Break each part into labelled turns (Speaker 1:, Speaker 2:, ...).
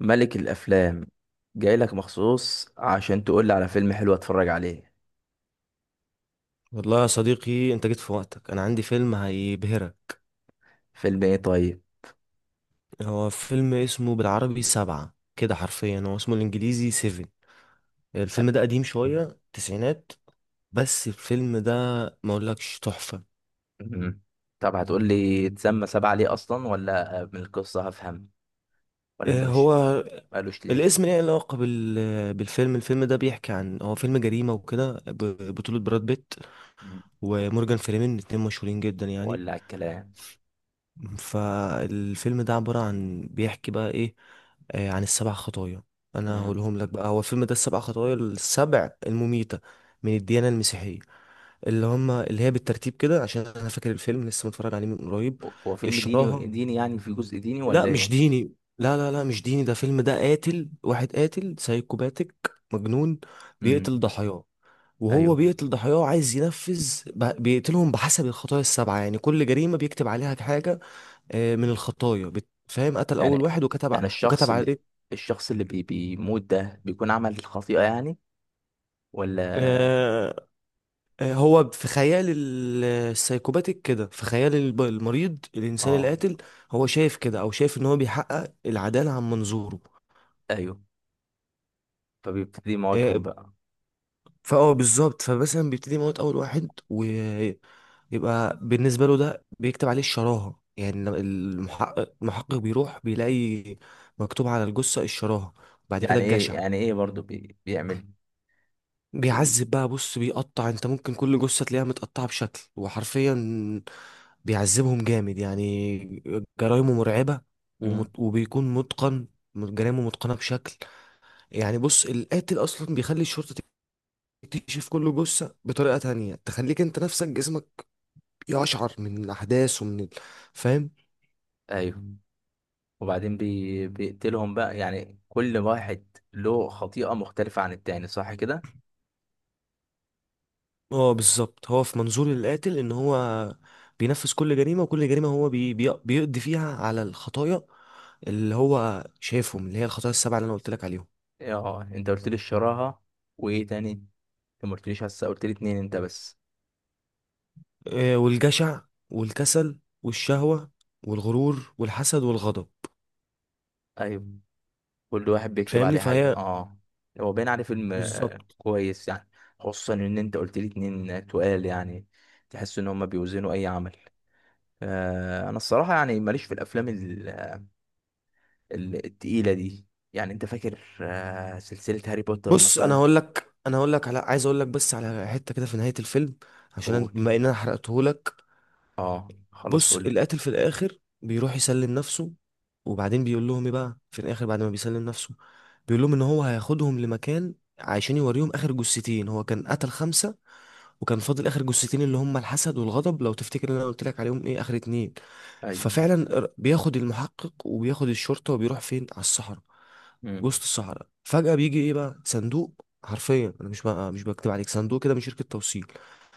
Speaker 1: ملك الافلام. جاي لك مخصوص عشان تقول لي على فيلم حلو اتفرج عليه.
Speaker 2: والله يا صديقي انت جيت في وقتك، انا عندي فيلم هيبهرك.
Speaker 1: فيلم ايه طيب؟
Speaker 2: هو فيلم اسمه بالعربي سبعة كده، حرفيا هو اسمه الانجليزي سيفن. الفيلم ده قديم شوية، تسعينات. بس الفيلم ده ما اقولكش تحفة.
Speaker 1: مم. طب هتقول لي اتسمى سبعة ليه اصلا، ولا من القصة هفهم؟ ولا انت
Speaker 2: اه،
Speaker 1: مش
Speaker 2: هو
Speaker 1: قالوش ليه؟
Speaker 2: الاسم ليه علاقة بالفيلم. الفيلم ده بيحكي عن، هو فيلم جريمة وكده، بطولة براد بيت
Speaker 1: مم.
Speaker 2: ومورجان فريمان، اتنين مشهورين جدا يعني.
Speaker 1: ولا على الكلام.
Speaker 2: فالفيلم ده عبارة عن، بيحكي بقى ايه، عن السبع خطايا. انا
Speaker 1: مم.
Speaker 2: هقولهم لك بقى، هو الفيلم ده السبع خطايا، السبع المميتة من الديانة المسيحية، اللي هي بالترتيب كده عشان انا فاكر الفيلم لسه متفرج عليه من قريب.
Speaker 1: هو فيلم ديني
Speaker 2: الشراهة.
Speaker 1: ديني يعني في جزء ديني
Speaker 2: لا
Speaker 1: ولا
Speaker 2: مش
Speaker 1: ايه؟
Speaker 2: ديني، لا مش ديني، ده فيلم، ده قاتل واحد، قاتل سايكوباتيك مجنون بيقتل
Speaker 1: مم.
Speaker 2: ضحاياه. وهو
Speaker 1: ايوه
Speaker 2: بيقتل ضحاياه عايز ينفذ بيقتلهم بحسب الخطايا السبعة. يعني كل جريمة بيكتب عليها حاجة من الخطايا، فاهم؟ قتل
Speaker 1: يعني.
Speaker 2: اول واحد وكتب
Speaker 1: يعني
Speaker 2: وكتب عليه.
Speaker 1: الشخص اللي بيموت ده بيكون عمل خطيئة يعني، ولا؟
Speaker 2: آه، هو في خيال السايكوباتيك كده، في خيال المريض الانسان
Speaker 1: اه.
Speaker 2: القاتل، هو شايف كده، او شايف ان هو بيحقق العداله عن منظوره.
Speaker 1: ايوه، فبيبتدي موتهم
Speaker 2: آه،
Speaker 1: بقى.
Speaker 2: فاه بالظبط. فمثلا بيبتدي يموت اول واحد ويبقى بالنسبه له ده، بيكتب عليه الشراهه. يعني لما المحقق بيروح بيلاقي مكتوب على الجثه الشراهه. بعد كده
Speaker 1: يعني ايه؟
Speaker 2: الجشع.
Speaker 1: برضو بيعمل بي...
Speaker 2: بيعذب بقى، بص، بيقطع، انت ممكن كل جثة تلاقيها متقطعة بشكل، وحرفيا بيعذبهم جامد يعني. جرايمه مرعبة،
Speaker 1: مم.
Speaker 2: وبيكون متقن، جرايمه متقنة بشكل. يعني بص، القاتل أصلا بيخلي الشرطة تكتشف كل جثة بطريقة تانية تخليك انت نفسك جسمك يقشعر من الأحداث ومن فاهم؟
Speaker 1: ايوه. وبعدين بيقتلهم بقى، يعني كل واحد له خطيئة مختلفة عن التاني، صح كده؟
Speaker 2: اه بالظبط، هو في منظور القاتل ان هو بينفذ كل جريمة، وكل جريمة هو بيقضي فيها على الخطايا اللي هو شايفهم، اللي هي الخطايا السبعة اللي انا قلت لك عليهم.
Speaker 1: اه، انت قلت لي الشراهة، وايه تاني؟ انت ما قلتليش هسه، قلت لي اتنين انت بس.
Speaker 2: والجشع والكسل والشهوة والغرور والحسد والغضب.
Speaker 1: ايوه، كل واحد بيكتب
Speaker 2: فاهمني؟
Speaker 1: عليه حاجة،
Speaker 2: فهي
Speaker 1: اه. هو باين عليه فيلم
Speaker 2: بالظبط.
Speaker 1: كويس يعني. خصوصا ان انت قلت لي اتنين تقال يعني، تحس ان هما بيوزنوا اي عمل. انا الصراحة يعني ماليش في الافلام التقيلة دي، يعني انت فاكر سلسلة هاري بوتر
Speaker 2: بص، انا
Speaker 1: مثلا؟
Speaker 2: هقول لك انا هقول لك على عايز اقول لك بس على حتة كده في نهاية الفيلم، عشان
Speaker 1: قول،
Speaker 2: بما ان انا حرقته.
Speaker 1: اه خلاص
Speaker 2: بص،
Speaker 1: قول.
Speaker 2: القاتل في الاخر بيروح يسلم نفسه. وبعدين بيقول لهم ايه بقى في الاخر بعد ما بيسلم نفسه؟ بيقول لهم ان هو هياخدهم لمكان عشان يوريهم اخر جثتين. هو كان قتل خمسة، وكان فاضل اخر جثتين، اللي هم الحسد والغضب، لو تفتكر ان انا قلت لك عليهم ايه اخر اتنين.
Speaker 1: ايوه.
Speaker 2: ففعلا بياخد المحقق وبياخد الشرطة وبيروح فين؟ على الصحراء. وسط
Speaker 1: مم.
Speaker 2: الصحراء فجأة بيجي ايه بقى؟ صندوق، حرفيا انا مش بقى، مش بكتب عليك، صندوق كده من شركة توصيل.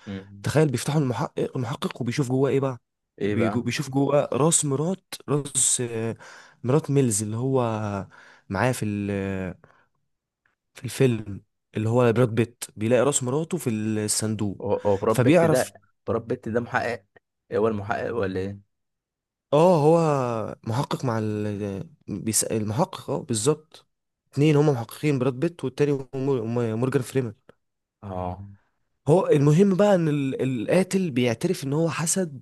Speaker 1: مم.
Speaker 2: تخيل، بيفتحوا المحقق وبيشوف جواه ايه بقى.
Speaker 1: ايه بقى؟
Speaker 2: بيشوف جواه راس مرات، راس، مرات ميلز اللي هو معاه في في الفيلم، اللي هو براد بيت، بيلاقي راس مراته في الصندوق.
Speaker 1: هو براد بيت
Speaker 2: فبيعرف.
Speaker 1: ده؟ براد بيت ده محقق؟ إيه، هو المحقق ولا ايه؟
Speaker 2: اه هو محقق مع بيسأل المحقق، اه بالظبط. اتنين هما محققين، براد بيت والتاني مورجان فريمان.
Speaker 1: اه.
Speaker 2: هو المهم بقى ان القاتل بيعترف ان هو حسد،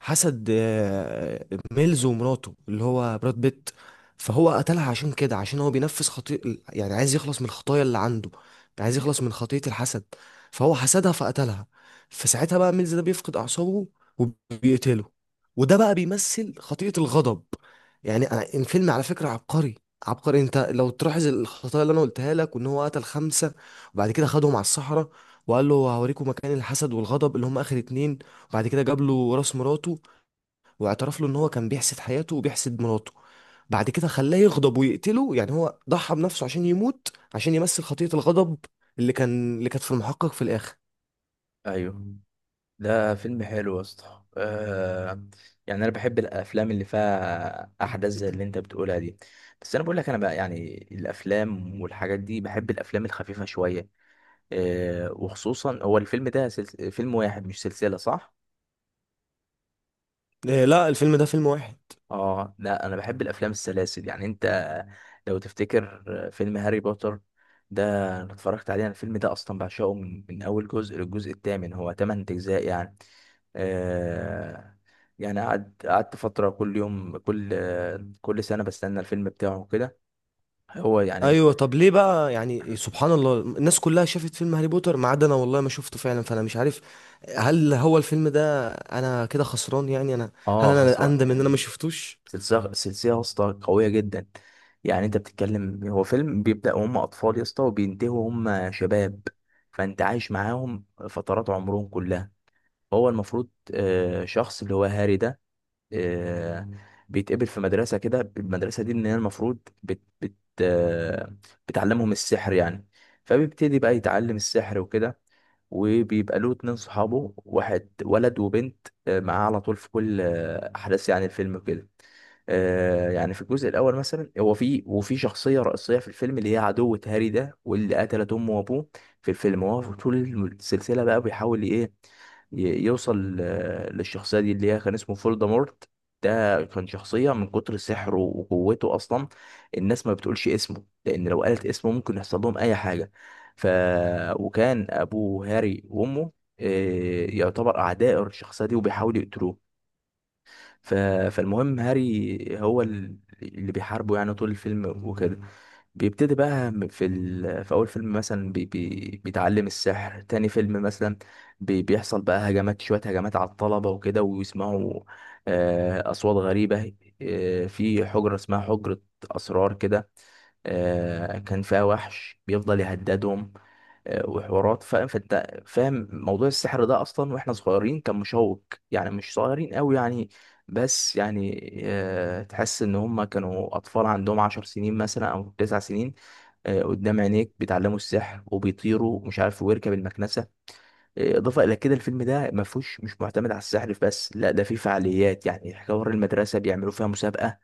Speaker 2: حسد، ميلز ومراته اللي هو براد بيت. فهو قتلها عشان كده، عشان هو بينفذ خطيئة، يعني عايز يخلص من الخطايا اللي عنده، عايز يخلص من خطية الحسد. فهو حسدها فقتلها. فساعتها بقى ميلز ده بيفقد أعصابه وبيقتله، وده بقى بيمثل خطيئة الغضب. يعني الفيلم على فكرة عبقري، عبقري. انت لو تلاحظ الخطايا اللي انا قلتها لك وان هو قتل خمسة، وبعد كده خدهم على الصحراء، وقال له هوريكم مكان الحسد والغضب اللي هم اخر اتنين. وبعد كده جاب له راس مراته، واعترف له ان هو كان بيحسد حياته وبيحسد مراته، بعد كده خلاه يغضب ويقتله. يعني هو ضحى بنفسه عشان يموت عشان يمثل خطية الغضب اللي كانت في المحقق في الاخر.
Speaker 1: ايوه، ده فيلم حلو يا اسطى، يعني انا بحب الافلام اللي فيها احداث زي اللي انت بتقولها دي، بس انا بقول لك، انا بقى يعني الافلام والحاجات دي، بحب الافلام الخفيفه شويه. وخصوصا هو الفيلم ده فيلم واحد، مش سلسلة، صح؟
Speaker 2: إيه لا، الفيلم ده فيلم واحد.
Speaker 1: اه لا، انا بحب الافلام السلاسل، يعني انت لو تفتكر فيلم هاري بوتر ده، انا اتفرجت عليه. انا الفيلم ده اصلا بعشقه من اول جزء للجزء الثامن، هو ثمان اجزاء يعني. آه يعني قعدت فترة كل يوم، كل سنة بستنى الفيلم بتاعه كده، هو يعني.
Speaker 2: ايوه طب ليه بقى يعني، سبحان الله، الناس كلها شافت فيلم هاري بوتر ما عدا انا، والله ما شفته فعلا. فانا مش عارف، هل هو الفيلم ده انا كده خسران؟ يعني انا هل
Speaker 1: اه،
Speaker 2: انا
Speaker 1: خسران
Speaker 2: اندم ان انا ما
Speaker 1: يعني.
Speaker 2: شفتوش؟
Speaker 1: سلسلة سلسلة يا اسطى، قوية جدا. يعني انت بتتكلم هو فيلم بيبدأ وهم أطفال يا اسطى، وبينتهوا وهم شباب، فانت عايش معاهم فترات عمرهم كلها. هو المفروض شخص اللي هو هاري ده، آه، بيتقبل في مدرسة كده، المدرسة دي ان هي المفروض بت بت آه، بتعلمهم السحر يعني. فبيبتدي بقى يتعلم السحر وكده، وبيبقى له اتنين صحابه، واحد ولد وبنت، معاه على طول في كل أحداث يعني الفيلم وكده. يعني في الجزء الاول مثلا، هو في وفي شخصيه رئيسيه في الفيلم اللي هي عدوة هاري ده، واللي قتلت امه وابوه في الفيلم. هو في طول السلسله بقى بيحاول ايه، يوصل للشخصيه دي اللي هي كان اسمه فولدمورت. ده كان شخصيه من كتر سحره وقوته اصلا الناس ما بتقولش اسمه، لان لو قالت اسمه ممكن يحصل لهم اي حاجه. ف وكان ابو هاري وامه يعتبر اعداء الشخصيه دي، وبيحاولوا يقتلوه. ف... فالمهم هاري اللي بيحاربه يعني طول الفيلم وكده. بيبتدي بقى في في اول فيلم مثلا بيتعلم السحر. تاني فيلم مثلا بيحصل بقى هجمات، هجمات على الطلبة وكده، ويسمعوا اصوات غريبة في حجرة اسمها حجرة اسرار كده، كان فيها وحش بيفضل يهددهم. وحوارات، فاهم، فانت فاهم موضوع السحر ده اصلا، واحنا صغيرين كان مشوق يعني، مش صغيرين قوي يعني، بس يعني تحس ان هم كانوا اطفال عندهم عشر سنين مثلا او تسع سنين. قدام عينيك بيتعلموا السحر وبيطيروا ومش عارف، ويركب المكنسه. اضافه الى كده، الفيلم ده ما فيهوش مش معتمد على السحر بس، لا ده فيه فعاليات يعني، حوار المدرسه بيعملوا فيها مسابقه،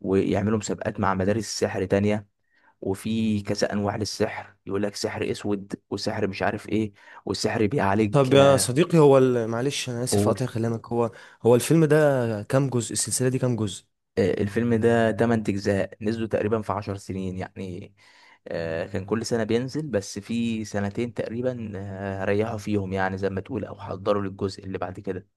Speaker 1: ويعملوا مسابقات مع مدارس سحر تانية، وفي كذا انواع للسحر، يقول لك سحر اسود وسحر مش عارف ايه، والسحر بيعالج
Speaker 2: طب يا صديقي هو معلش انا اسف
Speaker 1: قول.
Speaker 2: اقطع كلامك، هو الفيلم ده كام جزء؟ السلسله دي كام جزء؟
Speaker 1: الفيلم ده 8 اجزاء نزلوا تقريبا في 10 سنين يعني، كان كل سنة بينزل، بس في سنتين تقريبا ريحوا فيهم يعني، زي ما تقول، او حضروا للجزء اللي بعد كده.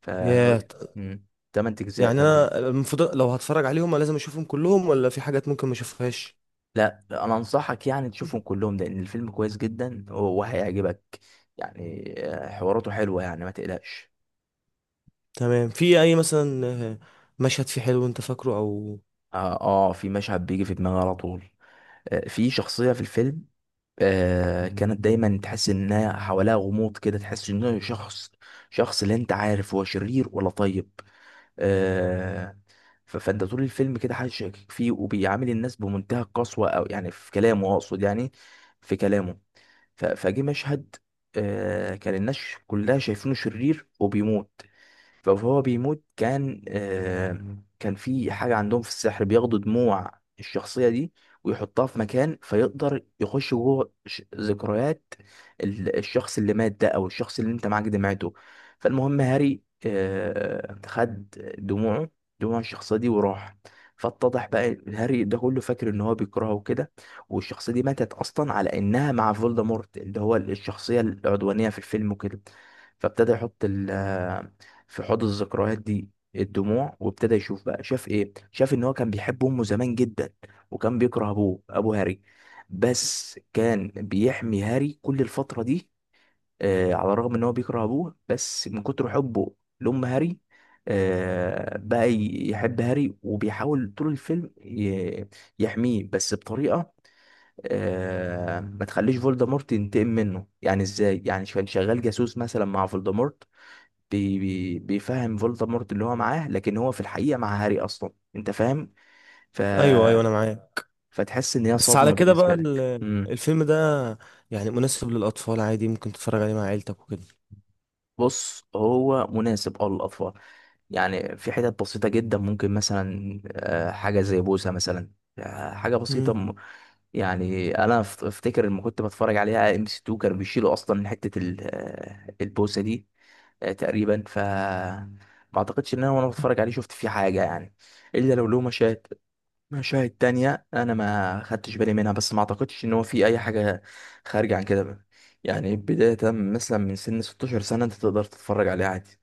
Speaker 1: فهو
Speaker 2: يا ط-
Speaker 1: مم، 8 اجزاء
Speaker 2: يعني انا
Speaker 1: كاملين.
Speaker 2: المفروض لو هتفرج عليهم لازم اشوفهم كلهم ولا في حاجات ممكن ما اشوفهاش؟
Speaker 1: لا، انا انصحك يعني تشوفهم كلهم لان الفيلم كويس جدا وهيعجبك، يعني حواراته حلوة يعني، ما تقلقش.
Speaker 2: تمام. في اي مثلا آه، مشهد فيه حلو انت فاكره، او؟
Speaker 1: اه، في مشهد بيجي في دماغي على طول، في شخصية في الفيلم كانت دايما تحس انها حواليها غموض كده، تحس انه شخص، لا انت عارف هو شرير ولا طيب. آه فانت طول الفيلم كده حاسس شاكك فيه، وبيعامل الناس بمنتهى القسوة، او يعني في كلامه، اقصد يعني في كلامه. فجه مشهد كان الناس كلها شايفينه شرير، وبيموت. فهو بيموت، كان كان في حاجة عندهم في السحر، بياخدوا دموع الشخصية دي، ويحطها في مكان، فيقدر يخش جوه ذكريات الشخص اللي مات ده، أو الشخص اللي أنت معاك دمعته. فالمهم هاري خد دموعه دموع الشخصية دي، وراح. فاتضح بقى هاري ده كله فاكر ان هو بيكرهه وكده، والشخصية دي ماتت اصلا على انها مع فولدمورت، اللي هو الشخصية العدوانية في الفيلم وكده. فابتدى يحط في حوض الذكريات دي الدموع، وابتدى يشوف بقى، شاف ايه، شاف ان هو كان بيحب امه زمان جدا، وكان بيكره ابوه، ابو هاري، بس كان بيحمي هاري كل الفترة دي. آه، على الرغم ان هو بيكره ابوه، بس من كتر حبه لأم هاري آه بقى يحب هاري، وبيحاول طول الفيلم يحميه، بس بطريقة ما تخليش فولدمورت ينتقم منه. يعني ازاي؟ يعني كان شغال جاسوس مثلا مع فولدمورت، بي بي بيفهم فولدمورت اللي هو معاه، لكن هو في الحقيقة مع هاري أصلا، أنت فاهم. ف...
Speaker 2: ايوه ايوه انا معاك.
Speaker 1: فتحس إن هي
Speaker 2: بس على
Speaker 1: صدمة
Speaker 2: كده
Speaker 1: بالنسبة
Speaker 2: بقى
Speaker 1: لك. مم.
Speaker 2: الفيلم ده يعني مناسب للاطفال عادي، ممكن تتفرج عليه مع عيلتك وكده؟
Speaker 1: بص هو مناسب أه للأطفال، يعني في حتت بسيطة جدا، ممكن مثلا حاجة زي بوسة مثلا، حاجة بسيطة.
Speaker 2: مم.
Speaker 1: يعني أنا أفتكر لما كنت بتفرج عليها ام سي 2 كانوا بيشيلوا أصلا حتة البوسة دي تقريبا. ما أعتقدش إن أنا، وأنا بتفرج عليه، شفت فيه حاجة يعني، إلا لو له مشاهد. المشاهد التانية أنا ما خدتش بالي منها، بس ما أعتقدش إن هو في أي حاجة خارجة عن كده بقى. يعني بداية مثلا من سن 16 سنة أنت تقدر تتفرج عليه عادي.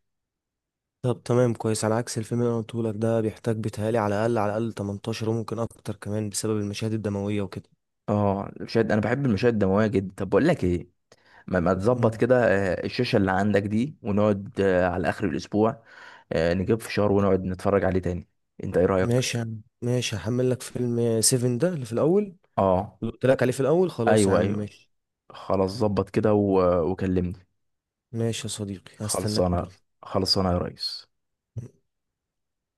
Speaker 2: طب تمام كويس، على عكس الفيلم اللي انا قلته لك ده، بيحتاج بيتهيألي على الاقل، على الاقل 18، وممكن اكتر كمان بسبب المشاهد الدمويه وكده.
Speaker 1: اه، المشاهد أنا بحب المشاهد الدموية جدا. طب بقول لك إيه، ما تظبط
Speaker 2: مم.
Speaker 1: كده الشاشة اللي عندك دي، ونقعد على آخر الأسبوع، نجيب فشار ونقعد نتفرج عليه تاني، أنت إيه رأيك؟
Speaker 2: ماشي يا عم، ماشي، هحمل لك فيلم سيفن ده اللي في الاول،
Speaker 1: اه،
Speaker 2: اللي قلت لك عليه في الاول، خلاص يا
Speaker 1: أيوه
Speaker 2: عم
Speaker 1: أيوه.
Speaker 2: ماشي.
Speaker 1: خلاص، ظبط كده وكلمني.
Speaker 2: ماشي يا صديقي، هستناك
Speaker 1: خلصانة،
Speaker 2: برضه.
Speaker 1: خلصانة يا ريس.